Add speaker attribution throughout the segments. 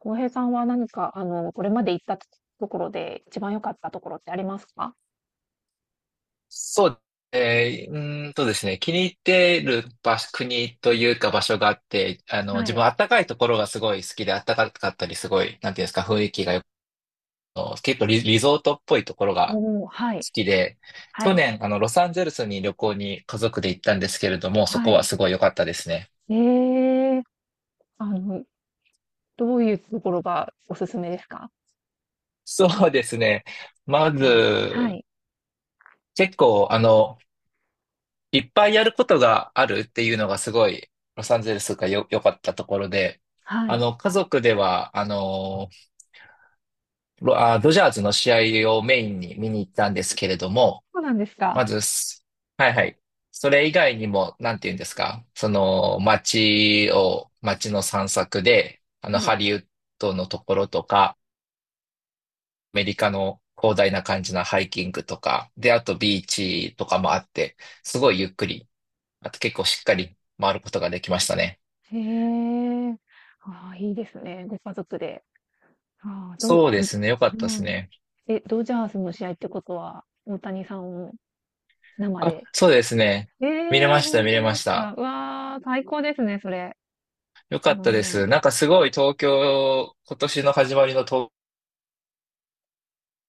Speaker 1: 浩平さんは何か、これまで行ったところで一番良かったところってありますか？
Speaker 2: そう、えー、うーんとですね、気に入ってる場所、国というか場所があって、
Speaker 1: は
Speaker 2: 自分
Speaker 1: い。
Speaker 2: 暖かいところがすごい好きで、暖かかったりすごい、なんていうんですか、雰囲気がよく、結構リゾートっぽいところが
Speaker 1: おお、は
Speaker 2: 好
Speaker 1: い。
Speaker 2: きで、
Speaker 1: は
Speaker 2: 去
Speaker 1: い。
Speaker 2: 年、ロサンゼルスに旅行に家族で行ったんですけれども、そ
Speaker 1: は
Speaker 2: こは
Speaker 1: い。
Speaker 2: すごい良かったですね。
Speaker 1: ええ、あの、どういうところがおすすめですか？
Speaker 2: そうですね。ま
Speaker 1: 飛行以外で。は
Speaker 2: ず、
Speaker 1: い。
Speaker 2: 結構、いっぱいやることがあるっていうのがすごい、ロサンゼルスがよ、良かったところで、
Speaker 1: はい。
Speaker 2: 家族では、ドジャーズの試合をメインに見に行ったんですけれども、
Speaker 1: そうなんです
Speaker 2: ま
Speaker 1: か。
Speaker 2: ずす、はいはい。それ以外にも、なんて言うんですか、街の散策で、
Speaker 1: は
Speaker 2: ハ
Speaker 1: い。
Speaker 2: リウッドのところとか、アメリカの広大な感じのハイキングとか、で、あとビーチとかもあって、すごいゆっくり、あと結構しっかり回ることができましたね。
Speaker 1: へえ、ああ、いいですね。ご家族で。ああ、
Speaker 2: そう
Speaker 1: う
Speaker 2: で
Speaker 1: ん
Speaker 2: すね。よかったで
Speaker 1: う
Speaker 2: す
Speaker 1: ん。
Speaker 2: ね。
Speaker 1: え、ドジャースの試合ってことは、大谷さんを生
Speaker 2: あ、
Speaker 1: で。
Speaker 2: そうですね。見れ
Speaker 1: え
Speaker 2: ま
Speaker 1: え、
Speaker 2: した、
Speaker 1: 本
Speaker 2: 見れ
Speaker 1: 当
Speaker 2: ま
Speaker 1: で
Speaker 2: し
Speaker 1: す
Speaker 2: た。
Speaker 1: か。うわあ、最高ですね、それ。
Speaker 2: よかったで
Speaker 1: も
Speaker 2: す。
Speaker 1: う、
Speaker 2: なんかすごい東京、今年の始まりの東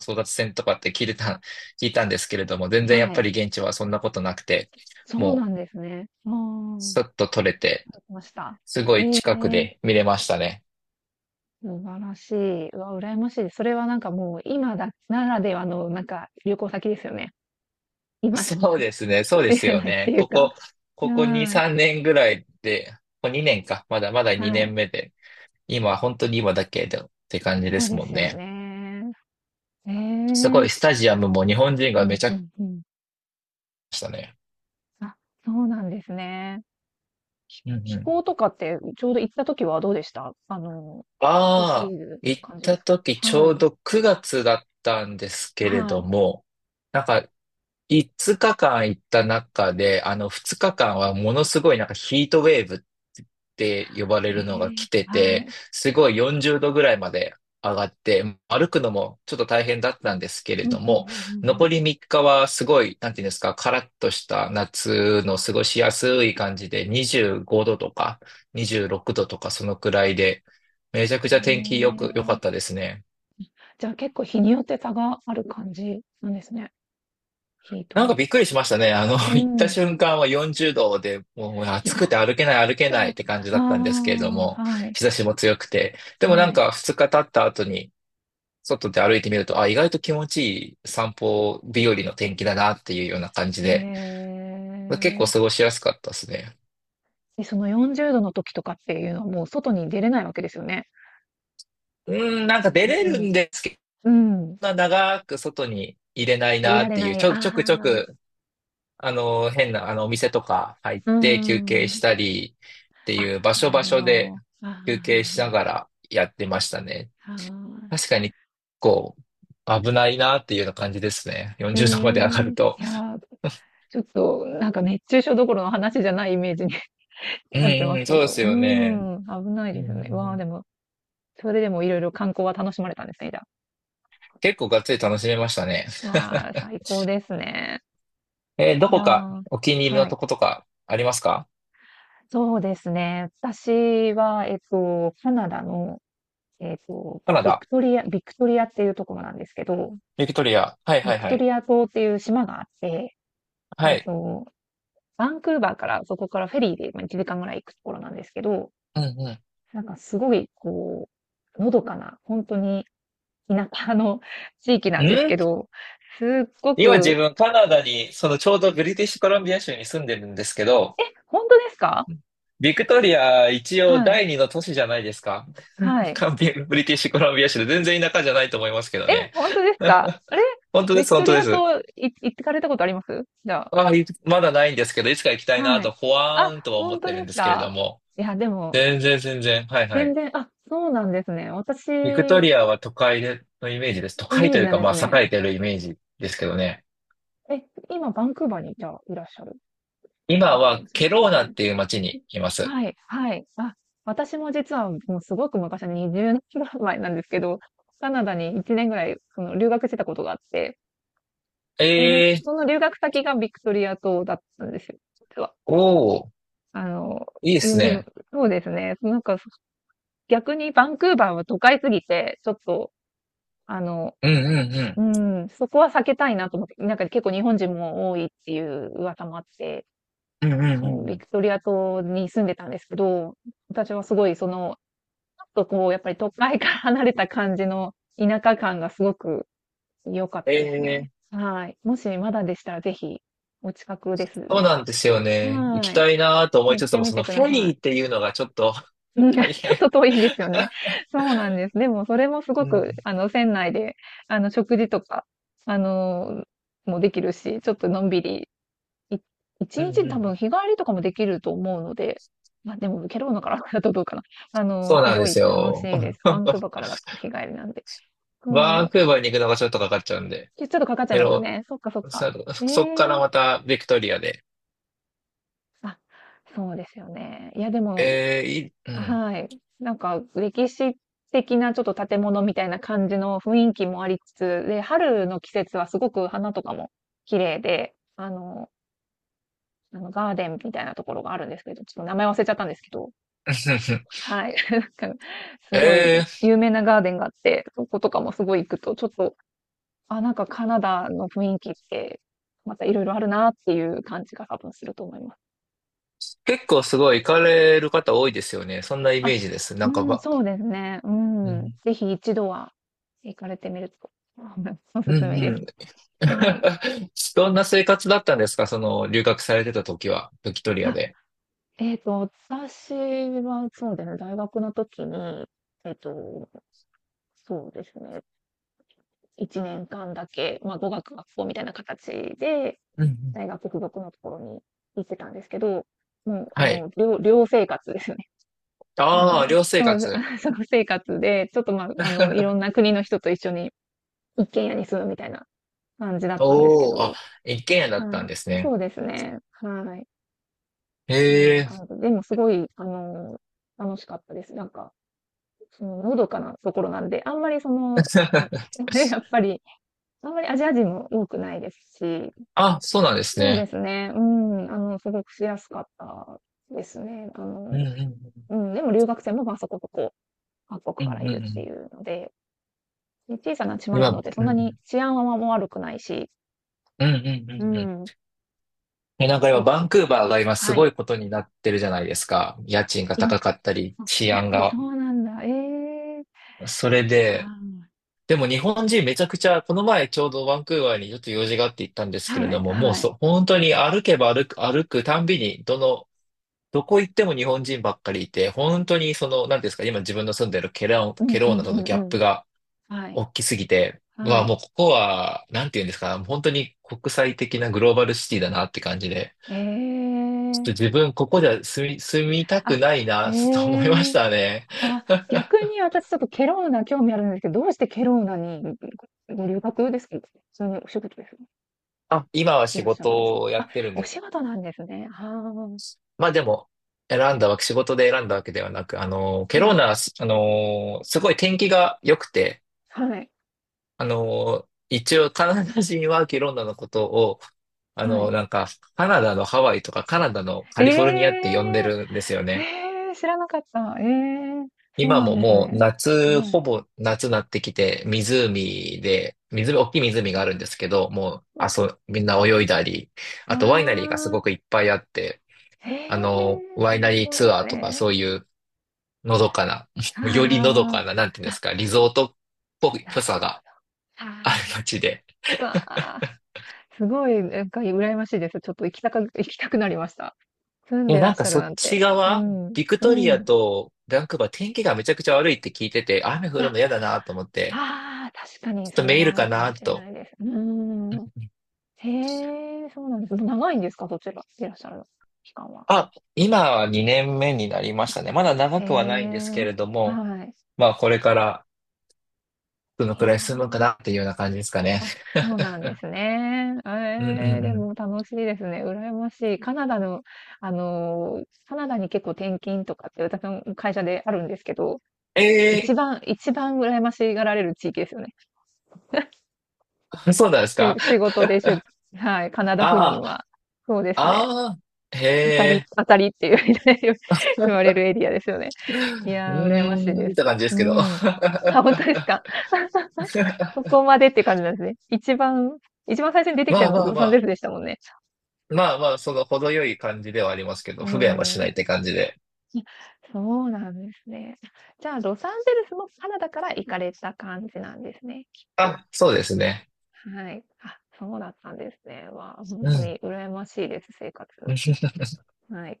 Speaker 2: 争奪戦とかって聞いたんですけれども、全然やっ
Speaker 1: は
Speaker 2: ぱ
Speaker 1: い。
Speaker 2: り現地はそんなことなくて、
Speaker 1: そうな
Speaker 2: も
Speaker 1: ん
Speaker 2: う、
Speaker 1: ですね。も、うん。入
Speaker 2: スッと取れて、
Speaker 1: ってました。
Speaker 2: すごい
Speaker 1: ええ、
Speaker 2: 近くで見れましたね。
Speaker 1: 素晴らしい。うわ、羨ましいです。それはなんかもう今だならではのなんか旅行先ですよね。今しか
Speaker 2: そうですね、そう で
Speaker 1: 出
Speaker 2: す
Speaker 1: れ
Speaker 2: よ
Speaker 1: ないって
Speaker 2: ね。
Speaker 1: いうか。う
Speaker 2: ここ2、
Speaker 1: ーん。
Speaker 2: 3年ぐらいで、ここ2年か、まだまだ
Speaker 1: は
Speaker 2: 2年
Speaker 1: い。
Speaker 2: 目で、今、本当に今だけでって感じで
Speaker 1: そう
Speaker 2: す
Speaker 1: で
Speaker 2: もん
Speaker 1: すよ
Speaker 2: ね。
Speaker 1: ね。ええ、う
Speaker 2: すご
Speaker 1: ん
Speaker 2: い、スタジアムも日本人
Speaker 1: う
Speaker 2: がめ
Speaker 1: ん
Speaker 2: ち
Speaker 1: う
Speaker 2: ゃくちゃ来
Speaker 1: ん。
Speaker 2: ましたね。
Speaker 1: あ、そうなんですね。
Speaker 2: うんう
Speaker 1: 気
Speaker 2: ん。
Speaker 1: 候とかってちょうど行った時はどうでした、暑す
Speaker 2: ああ、
Speaker 1: ぎるって
Speaker 2: 行っ
Speaker 1: 感じで
Speaker 2: た
Speaker 1: す
Speaker 2: 時
Speaker 1: か？
Speaker 2: ち
Speaker 1: は
Speaker 2: ょ
Speaker 1: い。
Speaker 2: うど9月だったんですけれ
Speaker 1: は
Speaker 2: ど
Speaker 1: い。
Speaker 2: も、なんか5日間行った中で、あの2日間はものすごいなんかヒートウェーブって呼ばれ
Speaker 1: え
Speaker 2: るのが来
Speaker 1: え、
Speaker 2: て
Speaker 1: は
Speaker 2: て、
Speaker 1: い。
Speaker 2: すごい40度ぐらいまで上がって、歩くのもちょっと大変だったんですけれ
Speaker 1: うんう
Speaker 2: ど
Speaker 1: んう
Speaker 2: も、
Speaker 1: んう
Speaker 2: 残
Speaker 1: ん
Speaker 2: り3日はすごい、なんていうんですか、カラッとした夏の過ごしやすい感じで、25度とか26度とかそのくらいで、めちゃ
Speaker 1: う
Speaker 2: くちゃ天気
Speaker 1: ん。
Speaker 2: よく、良かっ
Speaker 1: ええ。
Speaker 2: たですね。
Speaker 1: じゃあ結構日によって差がある感じなんですね。ヒートウ
Speaker 2: なんか
Speaker 1: ェー
Speaker 2: びっくりしましたね。
Speaker 1: ブ。う
Speaker 2: 行った
Speaker 1: ん。
Speaker 2: 瞬間は40度で、もう暑
Speaker 1: 4
Speaker 2: くて歩けない歩けないって感じだ
Speaker 1: あ
Speaker 2: ったんですけれど
Speaker 1: あ、
Speaker 2: も、
Speaker 1: はい、
Speaker 2: 日差しも強くて。でもな
Speaker 1: は
Speaker 2: ん
Speaker 1: い。
Speaker 2: か2日経った後に、外で歩いてみると、あ、意外と気持ちいい散歩日和の天気だなっていうような感じ
Speaker 1: へ
Speaker 2: で、結構
Speaker 1: え。
Speaker 2: 過ごしやすかったですね。
Speaker 1: で、その40度の時とかっていうのはもう外に出れないわけですよね。
Speaker 2: うーん、なんか出
Speaker 1: う
Speaker 2: れる
Speaker 1: ん。
Speaker 2: んですけど、
Speaker 1: うん。
Speaker 2: そんな長く外に入れない
Speaker 1: あ、い
Speaker 2: な
Speaker 1: ら
Speaker 2: っ
Speaker 1: れ
Speaker 2: てい
Speaker 1: な
Speaker 2: う、
Speaker 1: い。あ
Speaker 2: ちょくちょ
Speaker 1: あ。
Speaker 2: く変な、お店とか入っ
Speaker 1: う
Speaker 2: て休憩し
Speaker 1: ん。
Speaker 2: たりって
Speaker 1: あ、
Speaker 2: いう場
Speaker 1: な
Speaker 2: 所
Speaker 1: る
Speaker 2: 場
Speaker 1: ほ
Speaker 2: 所で
Speaker 1: ど。ああ、
Speaker 2: 休憩し
Speaker 1: は、
Speaker 2: ながらやってましたね。
Speaker 1: あ
Speaker 2: 確
Speaker 1: あ。
Speaker 2: かに、こう、危ないなっていうような感じですね。
Speaker 1: い。へ
Speaker 2: 40度まで上が
Speaker 1: え。
Speaker 2: る
Speaker 1: い
Speaker 2: と。
Speaker 1: や、ちょっとなんか熱中症どころの話じゃないイメージに
Speaker 2: う
Speaker 1: なって
Speaker 2: ん
Speaker 1: ま
Speaker 2: う
Speaker 1: す
Speaker 2: ん、
Speaker 1: け
Speaker 2: そうで
Speaker 1: ど、
Speaker 2: す
Speaker 1: うー
Speaker 2: よね。
Speaker 1: ん、危ない
Speaker 2: うん
Speaker 1: で
Speaker 2: う
Speaker 1: す
Speaker 2: んう
Speaker 1: ね。わあ、で
Speaker 2: ん、
Speaker 1: も、それでもいろいろ観光は楽しまれたんですね、じゃ
Speaker 2: 結構がっつり楽しめましたね。
Speaker 1: あ。わあ、最高ですね。
Speaker 2: ど
Speaker 1: いや
Speaker 2: こか
Speaker 1: ー、
Speaker 2: お気に入りの
Speaker 1: は
Speaker 2: と
Speaker 1: い。
Speaker 2: ことかありますか？
Speaker 1: そうですね。私は、カナダの、
Speaker 2: カナダ、
Speaker 1: ビクトリアっていうところなんですけど、
Speaker 2: ビクトリア。はい
Speaker 1: ビ
Speaker 2: はい
Speaker 1: ク
Speaker 2: は
Speaker 1: ト
Speaker 2: い。
Speaker 1: リア島っていう島があって、え
Speaker 2: は
Speaker 1: っ
Speaker 2: い。
Speaker 1: と、バンクーバーから、そこからフェリーでまあ1時間ぐらい行くところなんですけど、
Speaker 2: うんうん。
Speaker 1: なんかすごい、のどかな、本当に田舎の地域なんですけど、すっご
Speaker 2: 今自
Speaker 1: く、
Speaker 2: 分カナダに、ちょうどブリティッシュコロンビア州に住んでるんですけど、
Speaker 1: え、本当ですか？
Speaker 2: ビクトリア一応
Speaker 1: はい。
Speaker 2: 第二の都市じゃないですか。
Speaker 1: は い。
Speaker 2: カンビブリティッシュコロンビア州で全然田舎じゃないと思いますけど
Speaker 1: え、
Speaker 2: ね。
Speaker 1: 本当ですか？ あれ、
Speaker 2: 本当で
Speaker 1: ビク
Speaker 2: す、
Speaker 1: ト
Speaker 2: 本当
Speaker 1: リ
Speaker 2: で
Speaker 1: ア
Speaker 2: す。
Speaker 1: 島行ってかれたことありますじゃあ？
Speaker 2: ああ、いまだないんですけど、いつか行きたいな
Speaker 1: はい。
Speaker 2: と、ほわ
Speaker 1: あ、
Speaker 2: ーんとは思
Speaker 1: 本
Speaker 2: っ
Speaker 1: 当
Speaker 2: てる
Speaker 1: で
Speaker 2: ん
Speaker 1: す
Speaker 2: ですけれど
Speaker 1: か？
Speaker 2: も。
Speaker 1: いや、でも、
Speaker 2: 全然、全然。はいは
Speaker 1: 全
Speaker 2: い。
Speaker 1: 然、あ、そうなんですね。私、
Speaker 2: ビクト
Speaker 1: イ
Speaker 2: リアは都会でのイメージです。都会
Speaker 1: メー
Speaker 2: と
Speaker 1: ジ
Speaker 2: いう
Speaker 1: なん
Speaker 2: か、
Speaker 1: で
Speaker 2: ま
Speaker 1: す
Speaker 2: あ、
Speaker 1: ね。
Speaker 2: 栄えてるイメージですけどね。
Speaker 1: え、今、バンクーバーに、じゃあ、いらっしゃる。い
Speaker 2: 今
Speaker 1: らっしゃって
Speaker 2: は
Speaker 1: ますね。
Speaker 2: ケローナっていう街にいます。
Speaker 1: はい、はい。あ、私も実はもうすごく昔、に0年ぐらい前なんですけど、カナダに1年ぐらい、その留学してたことがあって、その、
Speaker 2: ええー、
Speaker 1: 留学先がビクトリア島だったんですよ、実は。
Speaker 2: おー。
Speaker 1: あの、
Speaker 2: いいで
Speaker 1: ユ
Speaker 2: す
Speaker 1: ンリム、
Speaker 2: ね。
Speaker 1: そうですね。なんか、逆にバンクーバーは都会すぎて、ちょっと、あの、
Speaker 2: うんうんう
Speaker 1: う
Speaker 2: ん。
Speaker 1: ん、そこは避けたいなと思って、なんか結構日本人も多いっていう噂もあって、
Speaker 2: うんうんう
Speaker 1: そう、
Speaker 2: んう
Speaker 1: ビ
Speaker 2: ん。
Speaker 1: クトリア島に住んでたんですけど、私はすごいその、ちょっとこう、やっぱり都会から離れた感じの田舎感がすごく良かっ
Speaker 2: え
Speaker 1: たです
Speaker 2: え
Speaker 1: ね。
Speaker 2: ー、
Speaker 1: はい。もしまだでしたらぜひ、お近くで
Speaker 2: そう
Speaker 1: す、
Speaker 2: なんですよね。行
Speaker 1: は
Speaker 2: きたいなと思
Speaker 1: い、
Speaker 2: い
Speaker 1: 行
Speaker 2: つ
Speaker 1: っ
Speaker 2: つ
Speaker 1: て
Speaker 2: も、
Speaker 1: み
Speaker 2: その
Speaker 1: てく
Speaker 2: フ
Speaker 1: だ
Speaker 2: ェリ
Speaker 1: さ
Speaker 2: ーっていうのがちょっと
Speaker 1: い。う ん、ち
Speaker 2: 大
Speaker 1: ょっ
Speaker 2: 変。
Speaker 1: と遠いんですよね。そうなんです。でもそれもすご
Speaker 2: うん、
Speaker 1: く、船内で、食事とか、あの、もできるし、ちょっとのんびり、い1
Speaker 2: う
Speaker 1: 日
Speaker 2: ん、う
Speaker 1: に多
Speaker 2: ん。
Speaker 1: 分日帰りとかもできると思うので、ま、でもケロろナから だとどうかな。
Speaker 2: そう
Speaker 1: す
Speaker 2: なんで
Speaker 1: ご
Speaker 2: す
Speaker 1: い楽し
Speaker 2: よ。
Speaker 1: いです。バンクー バーからだと日帰りなんで。
Speaker 2: バ
Speaker 1: そ
Speaker 2: ン
Speaker 1: う、
Speaker 2: クーバーに行くのがちょっとかかっちゃうんで。
Speaker 1: ちょっとかかっちゃい
Speaker 2: け
Speaker 1: ますよ
Speaker 2: ど、
Speaker 1: ね。そっかそっか。
Speaker 2: さ
Speaker 1: え
Speaker 2: そっから
Speaker 1: え、
Speaker 2: またビクトリアで。
Speaker 1: あ、そうですよね。いやでも、
Speaker 2: ええ、いい、うん。
Speaker 1: はい。なんか歴史的なちょっと建物みたいな感じの雰囲気もありつつ、で、春の季節はすごく花とかも綺麗で、ガーデンみたいなところがあるんですけど、ちょっと名前忘れちゃったんですけど、はい。なんかすごい
Speaker 2: ええ、
Speaker 1: 有名なガーデンがあって、そことかもすごい行くと、ちょっと、あ、なんかカナダの雰囲気って、またいろいろあるなっていう感じが多分すると思います。
Speaker 2: 結構すごい行かれる方多いですよね。そんなイ
Speaker 1: あ、
Speaker 2: メージです。な
Speaker 1: う
Speaker 2: んか
Speaker 1: ん、
Speaker 2: ば、
Speaker 1: そうですね。う
Speaker 2: う
Speaker 1: ん。
Speaker 2: ん、
Speaker 1: ぜひ一度は行かれてみると、おす
Speaker 2: う
Speaker 1: す
Speaker 2: ん、
Speaker 1: めで
Speaker 2: う
Speaker 1: す。
Speaker 2: ん。
Speaker 1: はい。
Speaker 2: どんな生活だったんですか、その、留学されてた時は、ビクトリア
Speaker 1: あ、
Speaker 2: で。
Speaker 1: えっと、私はそうですね、大学の時に、えっと、そうですね、1年間だけ、まあ、語学学校みたいな形で、
Speaker 2: うんうん。
Speaker 1: 大学付属のところに行ってたんですけど、もう、
Speaker 2: はい。
Speaker 1: 寮生活ですよね。
Speaker 2: ああ、寮生
Speaker 1: そう、
Speaker 2: 活。
Speaker 1: あ、その生活で、ちょっとまあ、いろん な国の人と一緒に一軒家に住むみたいな感じだったんですけ
Speaker 2: おお、あ、
Speaker 1: ど、
Speaker 2: 一軒家だった
Speaker 1: は
Speaker 2: ん
Speaker 1: い。
Speaker 2: です
Speaker 1: そ
Speaker 2: ね。
Speaker 1: うですね。はい。こん
Speaker 2: へ
Speaker 1: な
Speaker 2: え。
Speaker 1: 感じ。でもすごい、楽しかったです。なんか、その、のどかなところなんで、あんまりその、うん やっぱり、あんまりアジア人も多くないですし、
Speaker 2: あ、そうなんです
Speaker 1: そうで
Speaker 2: ね。
Speaker 1: すね。うん。すごくしやすかったですね。
Speaker 2: うんうん
Speaker 1: うん。でも留学生も、ま、そこそこ各
Speaker 2: う
Speaker 1: 国
Speaker 2: ん。
Speaker 1: か
Speaker 2: うん
Speaker 1: ら
Speaker 2: う
Speaker 1: い
Speaker 2: んう
Speaker 1: るって
Speaker 2: ん。
Speaker 1: いうので、で、小さな島なの
Speaker 2: 今、
Speaker 1: で、そ
Speaker 2: う
Speaker 1: んなに
Speaker 2: ん
Speaker 1: 治安はもう悪くないし、
Speaker 2: うんうんう
Speaker 1: う
Speaker 2: んうん。
Speaker 1: ん。
Speaker 2: え、なんか今、
Speaker 1: よ
Speaker 2: バ
Speaker 1: く、
Speaker 2: ンクーバーが今す
Speaker 1: は
Speaker 2: ご
Speaker 1: い。
Speaker 2: いことになってるじゃないですか。家賃が
Speaker 1: 今、
Speaker 2: 高かったり、
Speaker 1: あ、
Speaker 2: 治
Speaker 1: やっ
Speaker 2: 安
Speaker 1: ぱりそ
Speaker 2: が。
Speaker 1: うなんだ。ええ。
Speaker 2: それで、
Speaker 1: は、
Speaker 2: でも日本人めちゃくちゃ、この前ちょうどバンクーバーにちょっと用事があって行ったんですけれ
Speaker 1: は
Speaker 2: ど
Speaker 1: い
Speaker 2: も、もう
Speaker 1: はい。
Speaker 2: そ、本当に歩けば歩く、歩くたんびに、どこ行っても日本人ばっかりいて、本当になんていうんですか、今自分の住んでる
Speaker 1: う
Speaker 2: ケ
Speaker 1: んう
Speaker 2: ローナ
Speaker 1: ん
Speaker 2: と
Speaker 1: う
Speaker 2: の
Speaker 1: ん
Speaker 2: ギャ
Speaker 1: う
Speaker 2: ッ
Speaker 1: ん。
Speaker 2: プが
Speaker 1: はい。
Speaker 2: 大きすぎて、う
Speaker 1: は
Speaker 2: わ、もう
Speaker 1: い。
Speaker 2: ここは、なんていうんですか、本当に国際的なグローバルシティだなって感じで、
Speaker 1: え
Speaker 2: ちょっと
Speaker 1: え。
Speaker 2: 自分ここじゃ住みたく
Speaker 1: あ、
Speaker 2: ない
Speaker 1: へ
Speaker 2: な、と思いまし
Speaker 1: え。
Speaker 2: たね。
Speaker 1: あ、逆に私ちょっとケロウナ興味あるんですけど、どうしてケロウナに、ご留学ですか？そのお仕事です？
Speaker 2: あ、今は
Speaker 1: い
Speaker 2: 仕
Speaker 1: らっしゃるんですか？
Speaker 2: 事をや
Speaker 1: あ、
Speaker 2: ってるん
Speaker 1: お
Speaker 2: です。
Speaker 1: 仕事なんですね。は、
Speaker 2: まあでも、選んだわけ、仕事で選んだわけではなく、
Speaker 1: あ。
Speaker 2: ケ
Speaker 1: は
Speaker 2: ローナ
Speaker 1: い。
Speaker 2: はす、あの、すごい天気が良くて、
Speaker 1: はい。
Speaker 2: 一応カナダ人はケローナのことを、あ
Speaker 1: は
Speaker 2: の、
Speaker 1: い。
Speaker 2: なんか、カナダのハワイとかカナダのカ
Speaker 1: え
Speaker 2: リフォルニアって呼んで
Speaker 1: え。
Speaker 2: るんですよね。
Speaker 1: ええ、知らなかった。ええ、そう
Speaker 2: 今
Speaker 1: なん
Speaker 2: も
Speaker 1: です
Speaker 2: もう
Speaker 1: ね。
Speaker 2: 夏、
Speaker 1: は
Speaker 2: ほ
Speaker 1: い。
Speaker 2: ぼ夏になってきて、湖で、湖、大きい湖があるんですけど、もう、あ、
Speaker 1: わ、
Speaker 2: そう、みんな泳いだり、あ
Speaker 1: わ
Speaker 2: とワイナリーがす
Speaker 1: あ、
Speaker 2: ごくいっぱいあって、
Speaker 1: へえ、
Speaker 2: ワイナ
Speaker 1: 最
Speaker 2: リー
Speaker 1: 高で
Speaker 2: ツア
Speaker 1: す
Speaker 2: ーとか
Speaker 1: ね。
Speaker 2: そういうのどかな、よりのど
Speaker 1: あ
Speaker 2: かな、なんていうん
Speaker 1: あ。
Speaker 2: で
Speaker 1: あ、
Speaker 2: すか、リゾートっぽい、
Speaker 1: なる
Speaker 2: ぽさ
Speaker 1: ほ
Speaker 2: が
Speaker 1: ど。
Speaker 2: ある
Speaker 1: あ
Speaker 2: 街で。
Speaker 1: あ、わあ。すごい、なんか羨ましいです。ちょっと行きたく 行きたくなりました。住ん
Speaker 2: いや、
Speaker 1: でら
Speaker 2: な
Speaker 1: っ
Speaker 2: ん
Speaker 1: し
Speaker 2: か
Speaker 1: ゃる
Speaker 2: そっ
Speaker 1: なん
Speaker 2: ち
Speaker 1: て。う
Speaker 2: 側、
Speaker 1: ん。
Speaker 2: ビク
Speaker 1: う
Speaker 2: トリア
Speaker 1: ん。
Speaker 2: とバンクーバー天気がめちゃくちゃ悪いって聞いてて、雨降るの嫌だなと思って、
Speaker 1: ああ、確かに
Speaker 2: ちょっ
Speaker 1: そ
Speaker 2: と
Speaker 1: れ
Speaker 2: メー
Speaker 1: は
Speaker 2: ル
Speaker 1: ある
Speaker 2: か
Speaker 1: かも
Speaker 2: な
Speaker 1: しれ
Speaker 2: と。
Speaker 1: ないです。うーん。へえ、そうなんです。長いんですか？そちらいらっしゃる期間は。
Speaker 2: あ、今は2年目になりまし
Speaker 1: あ、
Speaker 2: たね。まだ長
Speaker 1: へ
Speaker 2: くはないんですけ
Speaker 1: え。
Speaker 2: れども、
Speaker 1: はい。
Speaker 2: まあこれからどの
Speaker 1: い
Speaker 2: く
Speaker 1: や
Speaker 2: らい進むか
Speaker 1: ー、
Speaker 2: なっていうような感じですかね。
Speaker 1: あ、そうなんですね。
Speaker 2: うんう
Speaker 1: ええ、
Speaker 2: んう
Speaker 1: で
Speaker 2: ん。
Speaker 1: も楽しいですね。羨ましい。カナダの、あのー、カナダに結構転勤とかって私の会社であるんですけど、
Speaker 2: ええ
Speaker 1: 一番羨ましがられる地域ですよね。
Speaker 2: ー、そうなんですか？
Speaker 1: 仕事でしゅ、はい、カナダ赴任
Speaker 2: あ
Speaker 1: は。そうで
Speaker 2: あ、
Speaker 1: すね。
Speaker 2: ああ、へえ。
Speaker 1: 当たりっていう 言われるエリアですよね。
Speaker 2: う
Speaker 1: いやー、羨ましい
Speaker 2: ー
Speaker 1: で
Speaker 2: んっ
Speaker 1: す。
Speaker 2: て感じです
Speaker 1: う
Speaker 2: けど。
Speaker 1: ん。あ、本当ですか。ここまでっていう感じなんですね。一番最初に出てきた
Speaker 2: まあ
Speaker 1: のは
Speaker 2: まあ
Speaker 1: ロ
Speaker 2: ま
Speaker 1: サンゼル
Speaker 2: あ、
Speaker 1: スでしたもんね。
Speaker 2: まあまあ、その程よい感じではありますけど、
Speaker 1: う
Speaker 2: 不便はしない
Speaker 1: ん。
Speaker 2: って感じで。
Speaker 1: そうなんですね。じゃあ、ロサンゼルスもカナダから行かれた感じなんですね、きっと。
Speaker 2: あ、そうですね。
Speaker 1: はい。あ、そうだったんですね。わあ、ほん
Speaker 2: う
Speaker 1: と
Speaker 2: ん。
Speaker 1: に羨ましいです、生活。はい。